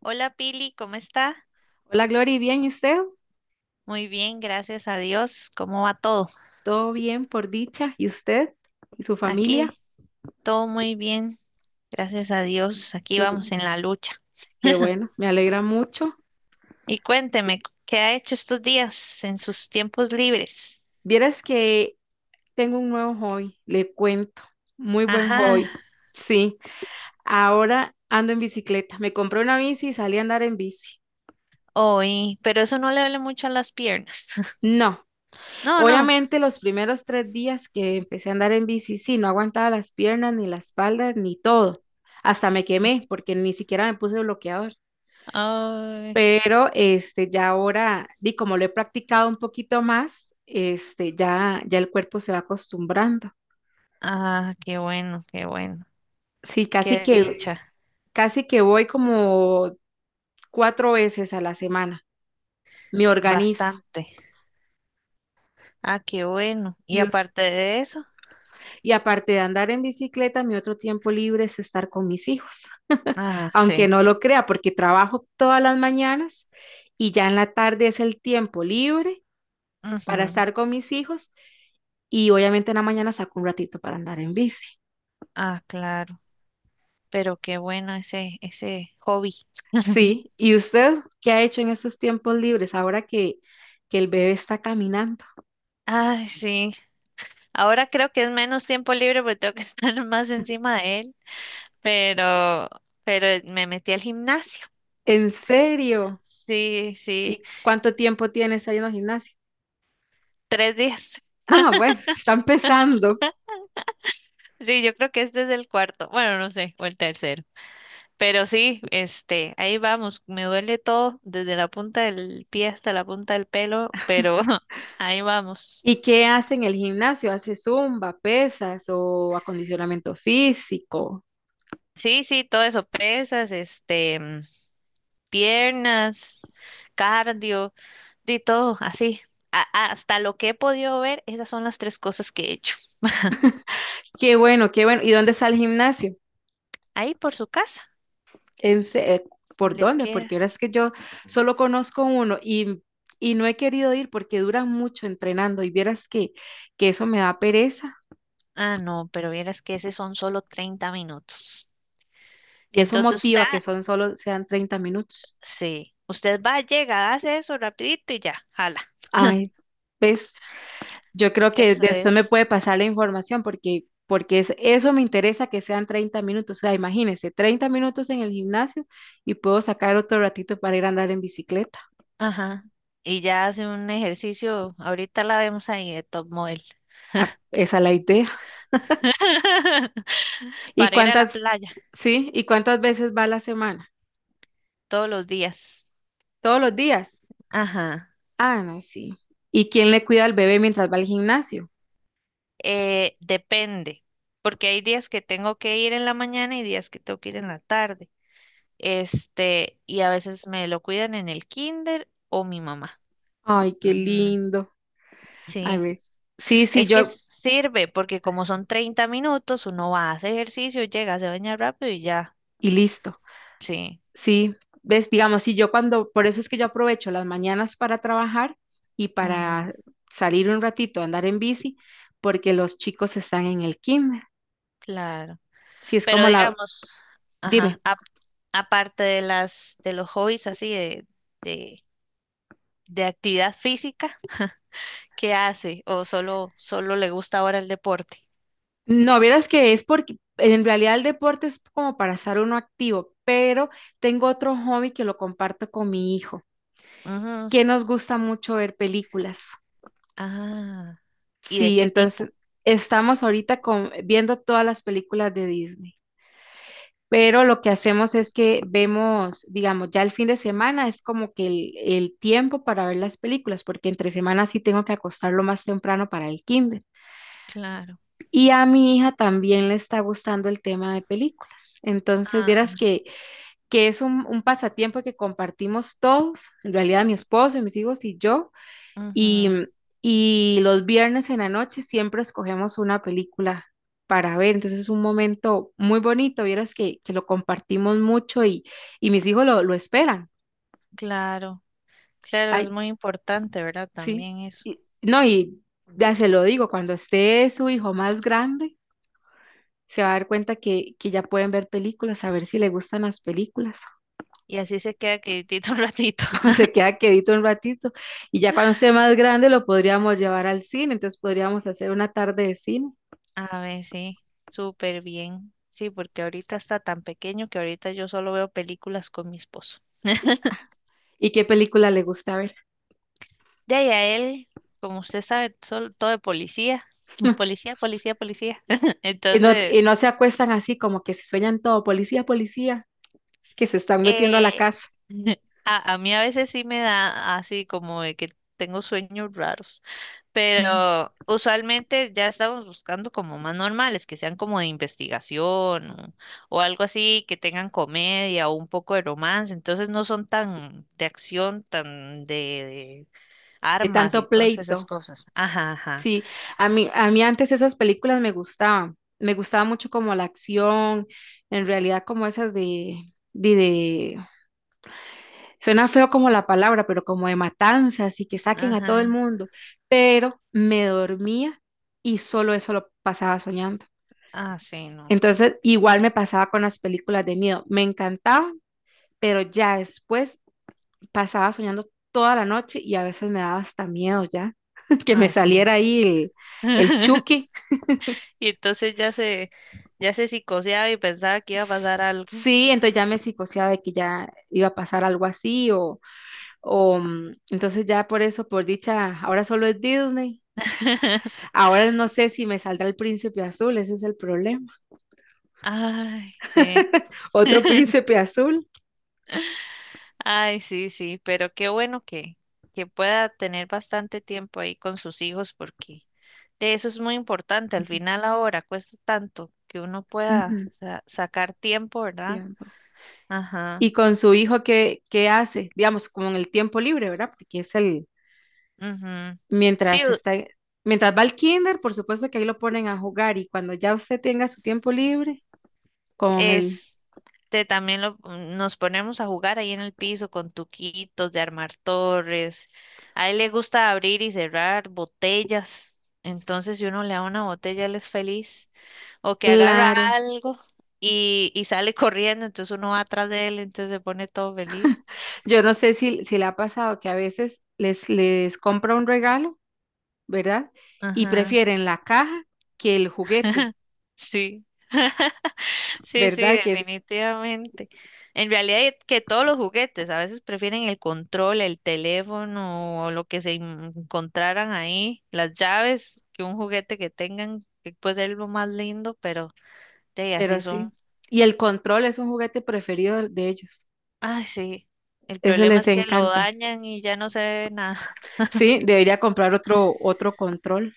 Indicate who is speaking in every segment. Speaker 1: Hola Pili, ¿cómo está?
Speaker 2: Hola, Glory, ¿bien y usted?
Speaker 1: Muy bien, gracias a Dios. ¿Cómo va todo?
Speaker 2: Todo bien por dicha. ¿Y usted y su familia?
Speaker 1: Aquí todo muy bien, gracias a Dios. Aquí
Speaker 2: Qué,
Speaker 1: vamos en la lucha.
Speaker 2: qué bueno, me alegra mucho.
Speaker 1: Y cuénteme, ¿qué ha hecho estos días en sus tiempos libres?
Speaker 2: Vieras que tengo un nuevo hobby, le cuento. Muy buen hobby.
Speaker 1: Ajá,
Speaker 2: Sí, ahora ando en bicicleta. Me compré una bici y salí a andar en bici.
Speaker 1: hoy, pero eso no le duele mucho a las piernas.
Speaker 2: No,
Speaker 1: No, no.
Speaker 2: obviamente los primeros 3 días que empecé a andar en bici, sí, no aguantaba las piernas, ni la espalda, ni todo. Hasta me quemé porque ni siquiera me puse bloqueador.
Speaker 1: Ay,
Speaker 2: Pero ya ahora, di como lo he practicado un poquito más, ya el cuerpo se va acostumbrando.
Speaker 1: ah, qué bueno, qué bueno.
Speaker 2: Sí, casi
Speaker 1: Qué
Speaker 2: que,
Speaker 1: dicha,
Speaker 2: casi que voy como 4 veces a la semana, me organizo.
Speaker 1: bastante. Ah, qué bueno. Y
Speaker 2: Y,
Speaker 1: aparte de eso,
Speaker 2: y aparte de andar en bicicleta, mi otro tiempo libre es estar con mis hijos,
Speaker 1: ah,
Speaker 2: aunque
Speaker 1: sí,
Speaker 2: no lo crea, porque trabajo todas las mañanas y ya en la tarde es el tiempo libre para
Speaker 1: ujú.
Speaker 2: estar con mis hijos y obviamente en la mañana saco un ratito para andar en bici.
Speaker 1: Ah, claro. Pero qué bueno ese hobby.
Speaker 2: Sí, ¿y usted qué ha hecho en esos tiempos libres ahora que el bebé está caminando?
Speaker 1: Ay, sí. Ahora creo que es menos tiempo libre porque tengo que estar más encima de él. Pero, pero me metí al gimnasio.
Speaker 2: ¿En serio?
Speaker 1: Sí, sí.
Speaker 2: ¿Y cuánto tiempo tienes ahí en el gimnasio?
Speaker 1: 3 días.
Speaker 2: Ah, bueno, está empezando.
Speaker 1: Sí, yo creo que este es el cuarto. Bueno, no sé, o el tercero. Pero sí, este, ahí vamos. Me duele todo, desde la punta del pie hasta la punta del pelo, pero ahí vamos.
Speaker 2: ¿Y qué hace en el gimnasio? ¿Hace zumba, pesas o acondicionamiento físico?
Speaker 1: Sí, sí, todo eso, pesas, este, piernas, cardio. De todo, así. Hasta lo que he podido ver, esas son las tres cosas que he hecho.
Speaker 2: Qué bueno, qué bueno. ¿Y dónde está el gimnasio?
Speaker 1: Ahí por su casa,
Speaker 2: ¿En se- eh, ¿Por
Speaker 1: le
Speaker 2: dónde?
Speaker 1: queda.
Speaker 2: Porque ahora es que yo solo conozco uno y no he querido ir porque duran mucho entrenando y vieras que eso me da pereza.
Speaker 1: Ah, no, pero vieras que ese son solo 30 minutos.
Speaker 2: Y eso
Speaker 1: Entonces usted,
Speaker 2: motiva que son solo sean 30 minutos.
Speaker 1: sí, usted va, llega, hace eso rapidito y ya, jala.
Speaker 2: Ay, ¿ves? Yo creo que
Speaker 1: Eso
Speaker 2: después me
Speaker 1: es.
Speaker 2: puede pasar la información porque eso me interesa que sean 30 minutos. O sea, imagínese, 30 minutos en el gimnasio y puedo sacar otro ratito para ir a andar en bicicleta.
Speaker 1: Ajá. Y ya hace un ejercicio, ahorita la vemos ahí de top model.
Speaker 2: Ah, esa es la idea. ¿Y
Speaker 1: Para ir a la
Speaker 2: cuántas,
Speaker 1: playa
Speaker 2: sí? ¿Y cuántas veces va a la semana?
Speaker 1: todos los días.
Speaker 2: ¿Todos los días?
Speaker 1: Ajá.
Speaker 2: Ah, no, sí. ¿Y quién le cuida al bebé mientras va al gimnasio?
Speaker 1: Depende, porque hay días que tengo que ir en la mañana y días que tengo que ir en la tarde. Este, y a veces me lo cuidan en el kinder o mi mamá.
Speaker 2: Ay, qué
Speaker 1: Ujú,
Speaker 2: lindo. A
Speaker 1: sí,
Speaker 2: ver. Sí, sí,
Speaker 1: es que sirve porque como son 30 minutos, uno va, hace ejercicio, llega, se baña rápido y ya.
Speaker 2: y listo.
Speaker 1: Sí,
Speaker 2: Sí, ves, digamos, si yo cuando, por eso es que yo aprovecho las mañanas para trabajar y
Speaker 1: ujú,
Speaker 2: para salir un ratito a andar en bici, porque los chicos están en el kinder.
Speaker 1: claro.
Speaker 2: Si es
Speaker 1: Pero
Speaker 2: como la,
Speaker 1: digamos, ajá,
Speaker 2: dime.
Speaker 1: aparte de las de los hobbies así de, de actividad física, qué hace o solo le gusta ahora el deporte.
Speaker 2: No, vieras que es porque en realidad el deporte es como para estar uno activo, pero tengo otro hobby que lo comparto con mi hijo,
Speaker 1: Ujú.
Speaker 2: que nos gusta mucho ver películas.
Speaker 1: Ah, ¿y de
Speaker 2: Sí,
Speaker 1: qué tipo?
Speaker 2: entonces estamos ahorita viendo todas las películas de Disney. Pero lo que hacemos es que vemos, digamos, ya el fin de semana es como que el tiempo para ver las películas, porque entre semanas sí tengo que acostarlo más temprano para el kinder.
Speaker 1: Claro.
Speaker 2: Y a mi hija también le está gustando el tema de películas. Entonces,
Speaker 1: Ah,
Speaker 2: vieras que es un pasatiempo que compartimos todos, en realidad mi esposo, mis hijos y yo, y,
Speaker 1: ujú,
Speaker 2: y los viernes en la noche siempre escogemos una película para ver. Entonces es un momento muy bonito, vieras que lo compartimos mucho y mis hijos lo esperan.
Speaker 1: claro. Claro, es
Speaker 2: Ay,
Speaker 1: muy importante, ¿verdad?
Speaker 2: sí.
Speaker 1: También eso.
Speaker 2: Y- no, y ya se lo digo, cuando esté su hijo más grande, se va a dar cuenta que ya pueden ver películas, a ver si le gustan las películas.
Speaker 1: Y así se queda quietito un ratito.
Speaker 2: O se queda quedito un ratito. Y ya cuando esté más grande lo podríamos llevar al cine, entonces podríamos hacer una tarde de cine.
Speaker 1: A ver, sí, súper bien. Sí, porque ahorita está tan pequeño que ahorita yo solo veo películas con mi esposo.
Speaker 2: ¿Y qué película le gusta ver?
Speaker 1: De ahí a él, como usted sabe, todo de policía. Policía, policía, policía.
Speaker 2: Y
Speaker 1: Entonces,
Speaker 2: no se acuestan así como que se sueñan todo, policía, policía, que se están metiendo a la
Speaker 1: Eh,
Speaker 2: casa.
Speaker 1: a mí a veces sí me da así como de que tengo sueños raros,
Speaker 2: Ujú.
Speaker 1: pero usualmente ya estamos buscando como más normales, que sean como de investigación o, algo así, que tengan comedia o un poco de romance, entonces no son tan de acción, tan de
Speaker 2: De
Speaker 1: armas y
Speaker 2: tanto
Speaker 1: todas esas
Speaker 2: pleito.
Speaker 1: cosas. Ajá, ajá,
Speaker 2: Sí, a mí antes esas películas me gustaban, me gustaba mucho como la acción, en realidad como esas de, suena feo como la palabra, pero como de matanzas y que saquen a todo el
Speaker 1: ajá,
Speaker 2: mundo, pero me dormía y solo eso lo pasaba soñando.
Speaker 1: ah, sí, no,
Speaker 2: Entonces, igual me pasaba con las películas de miedo, me encantaban, pero ya después pasaba soñando toda la noche y a veces me daba hasta miedo ya que me
Speaker 1: ah, sí.
Speaker 2: saliera ahí el Chucky.
Speaker 1: Y entonces ya se psicoseaba y pensaba que iba a pasar algo.
Speaker 2: Sí, entonces ya me psicoseaba de que ya iba a pasar algo así entonces ya por eso, por dicha, ahora solo es Disney. Ahora no sé si me saldrá el príncipe azul, ese es el problema.
Speaker 1: Ay, sí.
Speaker 2: Otro príncipe azul.
Speaker 1: Ay, sí, sí, pero qué bueno que pueda tener bastante tiempo ahí con sus hijos porque de eso es muy importante. Al
Speaker 2: Ujú,
Speaker 1: final ahora cuesta tanto que uno pueda
Speaker 2: ujú.
Speaker 1: sacar tiempo, ¿verdad?
Speaker 2: Tiempo.
Speaker 1: Ajá,
Speaker 2: Y con su hijo, ¿qué hace? Digamos, como en el tiempo libre, ¿verdad?
Speaker 1: ujú. Sí,
Speaker 2: Mientras está, mientras va al kinder, por supuesto que ahí lo ponen a jugar y cuando ya usted tenga su tiempo libre con el...
Speaker 1: este también lo, nos ponemos a jugar ahí en el piso con tuquitos de armar torres. A él le gusta abrir y cerrar botellas. Entonces, si uno le da una botella, él es feliz, o que agarra
Speaker 2: Claro.
Speaker 1: algo y sale corriendo, entonces uno va atrás de él, entonces se pone todo feliz.
Speaker 2: Yo no sé si le ha pasado que a veces les compra un regalo, ¿verdad? Y
Speaker 1: Ajá.
Speaker 2: prefieren la caja que el juguete,
Speaker 1: Sí, sí, sí,
Speaker 2: ¿verdad?
Speaker 1: definitivamente. En realidad es que todos los juguetes a veces prefieren el control, el teléfono o lo que se encontraran ahí, las llaves, que un juguete que tengan, que puede ser lo más lindo, pero de así
Speaker 2: Pero
Speaker 1: son.
Speaker 2: sí. Y el control es un juguete preferido de ellos.
Speaker 1: Ay, sí. El
Speaker 2: Ese
Speaker 1: problema
Speaker 2: les
Speaker 1: es que lo
Speaker 2: encanta.
Speaker 1: dañan y ya no se ve nada,
Speaker 2: Sí, debería comprar otro control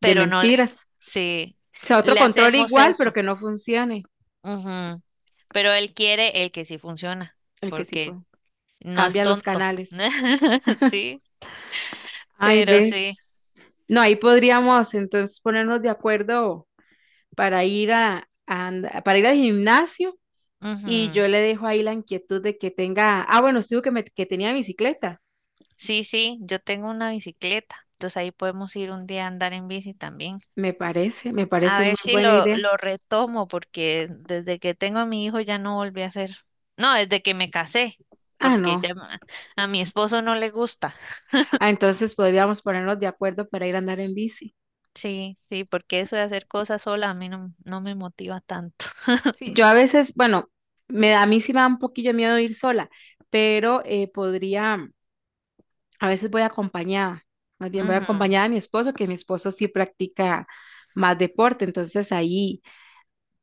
Speaker 2: de
Speaker 1: no le,
Speaker 2: mentiras.
Speaker 1: sí,
Speaker 2: O sea, otro
Speaker 1: le
Speaker 2: control
Speaker 1: hacemos
Speaker 2: igual, pero
Speaker 1: eso.
Speaker 2: que no funcione.
Speaker 1: Ujú. Pero él quiere el que sí funciona,
Speaker 2: El que sí fue.
Speaker 1: porque no es
Speaker 2: Cambia los
Speaker 1: tonto.
Speaker 2: canales.
Speaker 1: Sí,
Speaker 2: Ay,
Speaker 1: pero
Speaker 2: ve.
Speaker 1: sí.
Speaker 2: No, ahí podríamos entonces ponernos de acuerdo para ir para ir al gimnasio y
Speaker 1: Ujú.
Speaker 2: yo le dejo ahí la inquietud de que tenga, bueno, sí, que tenía bicicleta.
Speaker 1: Sí, sí, yo tengo una bicicleta. Entonces ahí podemos ir un día a andar en bici también.
Speaker 2: Me parece, me
Speaker 1: A
Speaker 2: parece muy
Speaker 1: ver si
Speaker 2: buena
Speaker 1: lo,
Speaker 2: idea.
Speaker 1: lo retomo, porque desde que tengo a mi hijo ya no volví a hacer. No, desde que me casé,
Speaker 2: Ah,
Speaker 1: porque
Speaker 2: no.
Speaker 1: ya a mi esposo no le gusta.
Speaker 2: Ah, entonces podríamos ponernos de acuerdo para ir a andar en bici.
Speaker 1: Sí, sí, porque eso de hacer cosas sola a mí no, no me motiva tanto.
Speaker 2: Sí. Yo, sí, a veces, bueno, a mí sí me da un poquillo de miedo ir sola, pero podría. A veces voy acompañada, más bien voy
Speaker 1: Ujú,
Speaker 2: acompañada de mi esposo, que mi esposo sí practica más deporte, entonces ahí,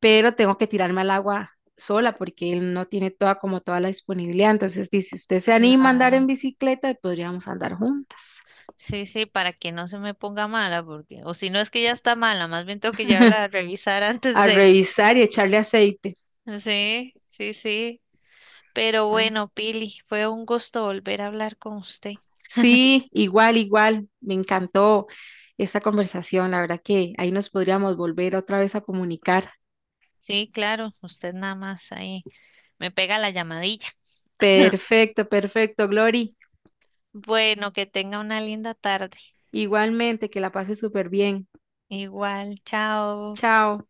Speaker 2: pero tengo que tirarme al agua sola porque él no tiene toda como toda la disponibilidad. Entonces dice, si usted se anima a andar en
Speaker 1: claro.
Speaker 2: bicicleta, podríamos andar juntas,
Speaker 1: Sí, sí, para que no se me ponga mala, porque, o si no es que ya está mala, más bien tengo que llevarla a revisar antes
Speaker 2: a
Speaker 1: de.
Speaker 2: revisar y echarle aceite.
Speaker 1: Sí, sí, sí. Pero
Speaker 2: ¿Verdad?
Speaker 1: bueno, Pili, fue un gusto volver a hablar con usted.
Speaker 2: Sí, igual, me encantó esta conversación, la verdad que ahí nos podríamos volver otra vez a comunicar.
Speaker 1: Sí, claro, usted nada más ahí me pega la llamadilla.
Speaker 2: Perfecto, perfecto, Glory.
Speaker 1: Bueno, que tenga una linda tarde.
Speaker 2: Igualmente, que la pase súper bien.
Speaker 1: Igual, chao.
Speaker 2: Chao.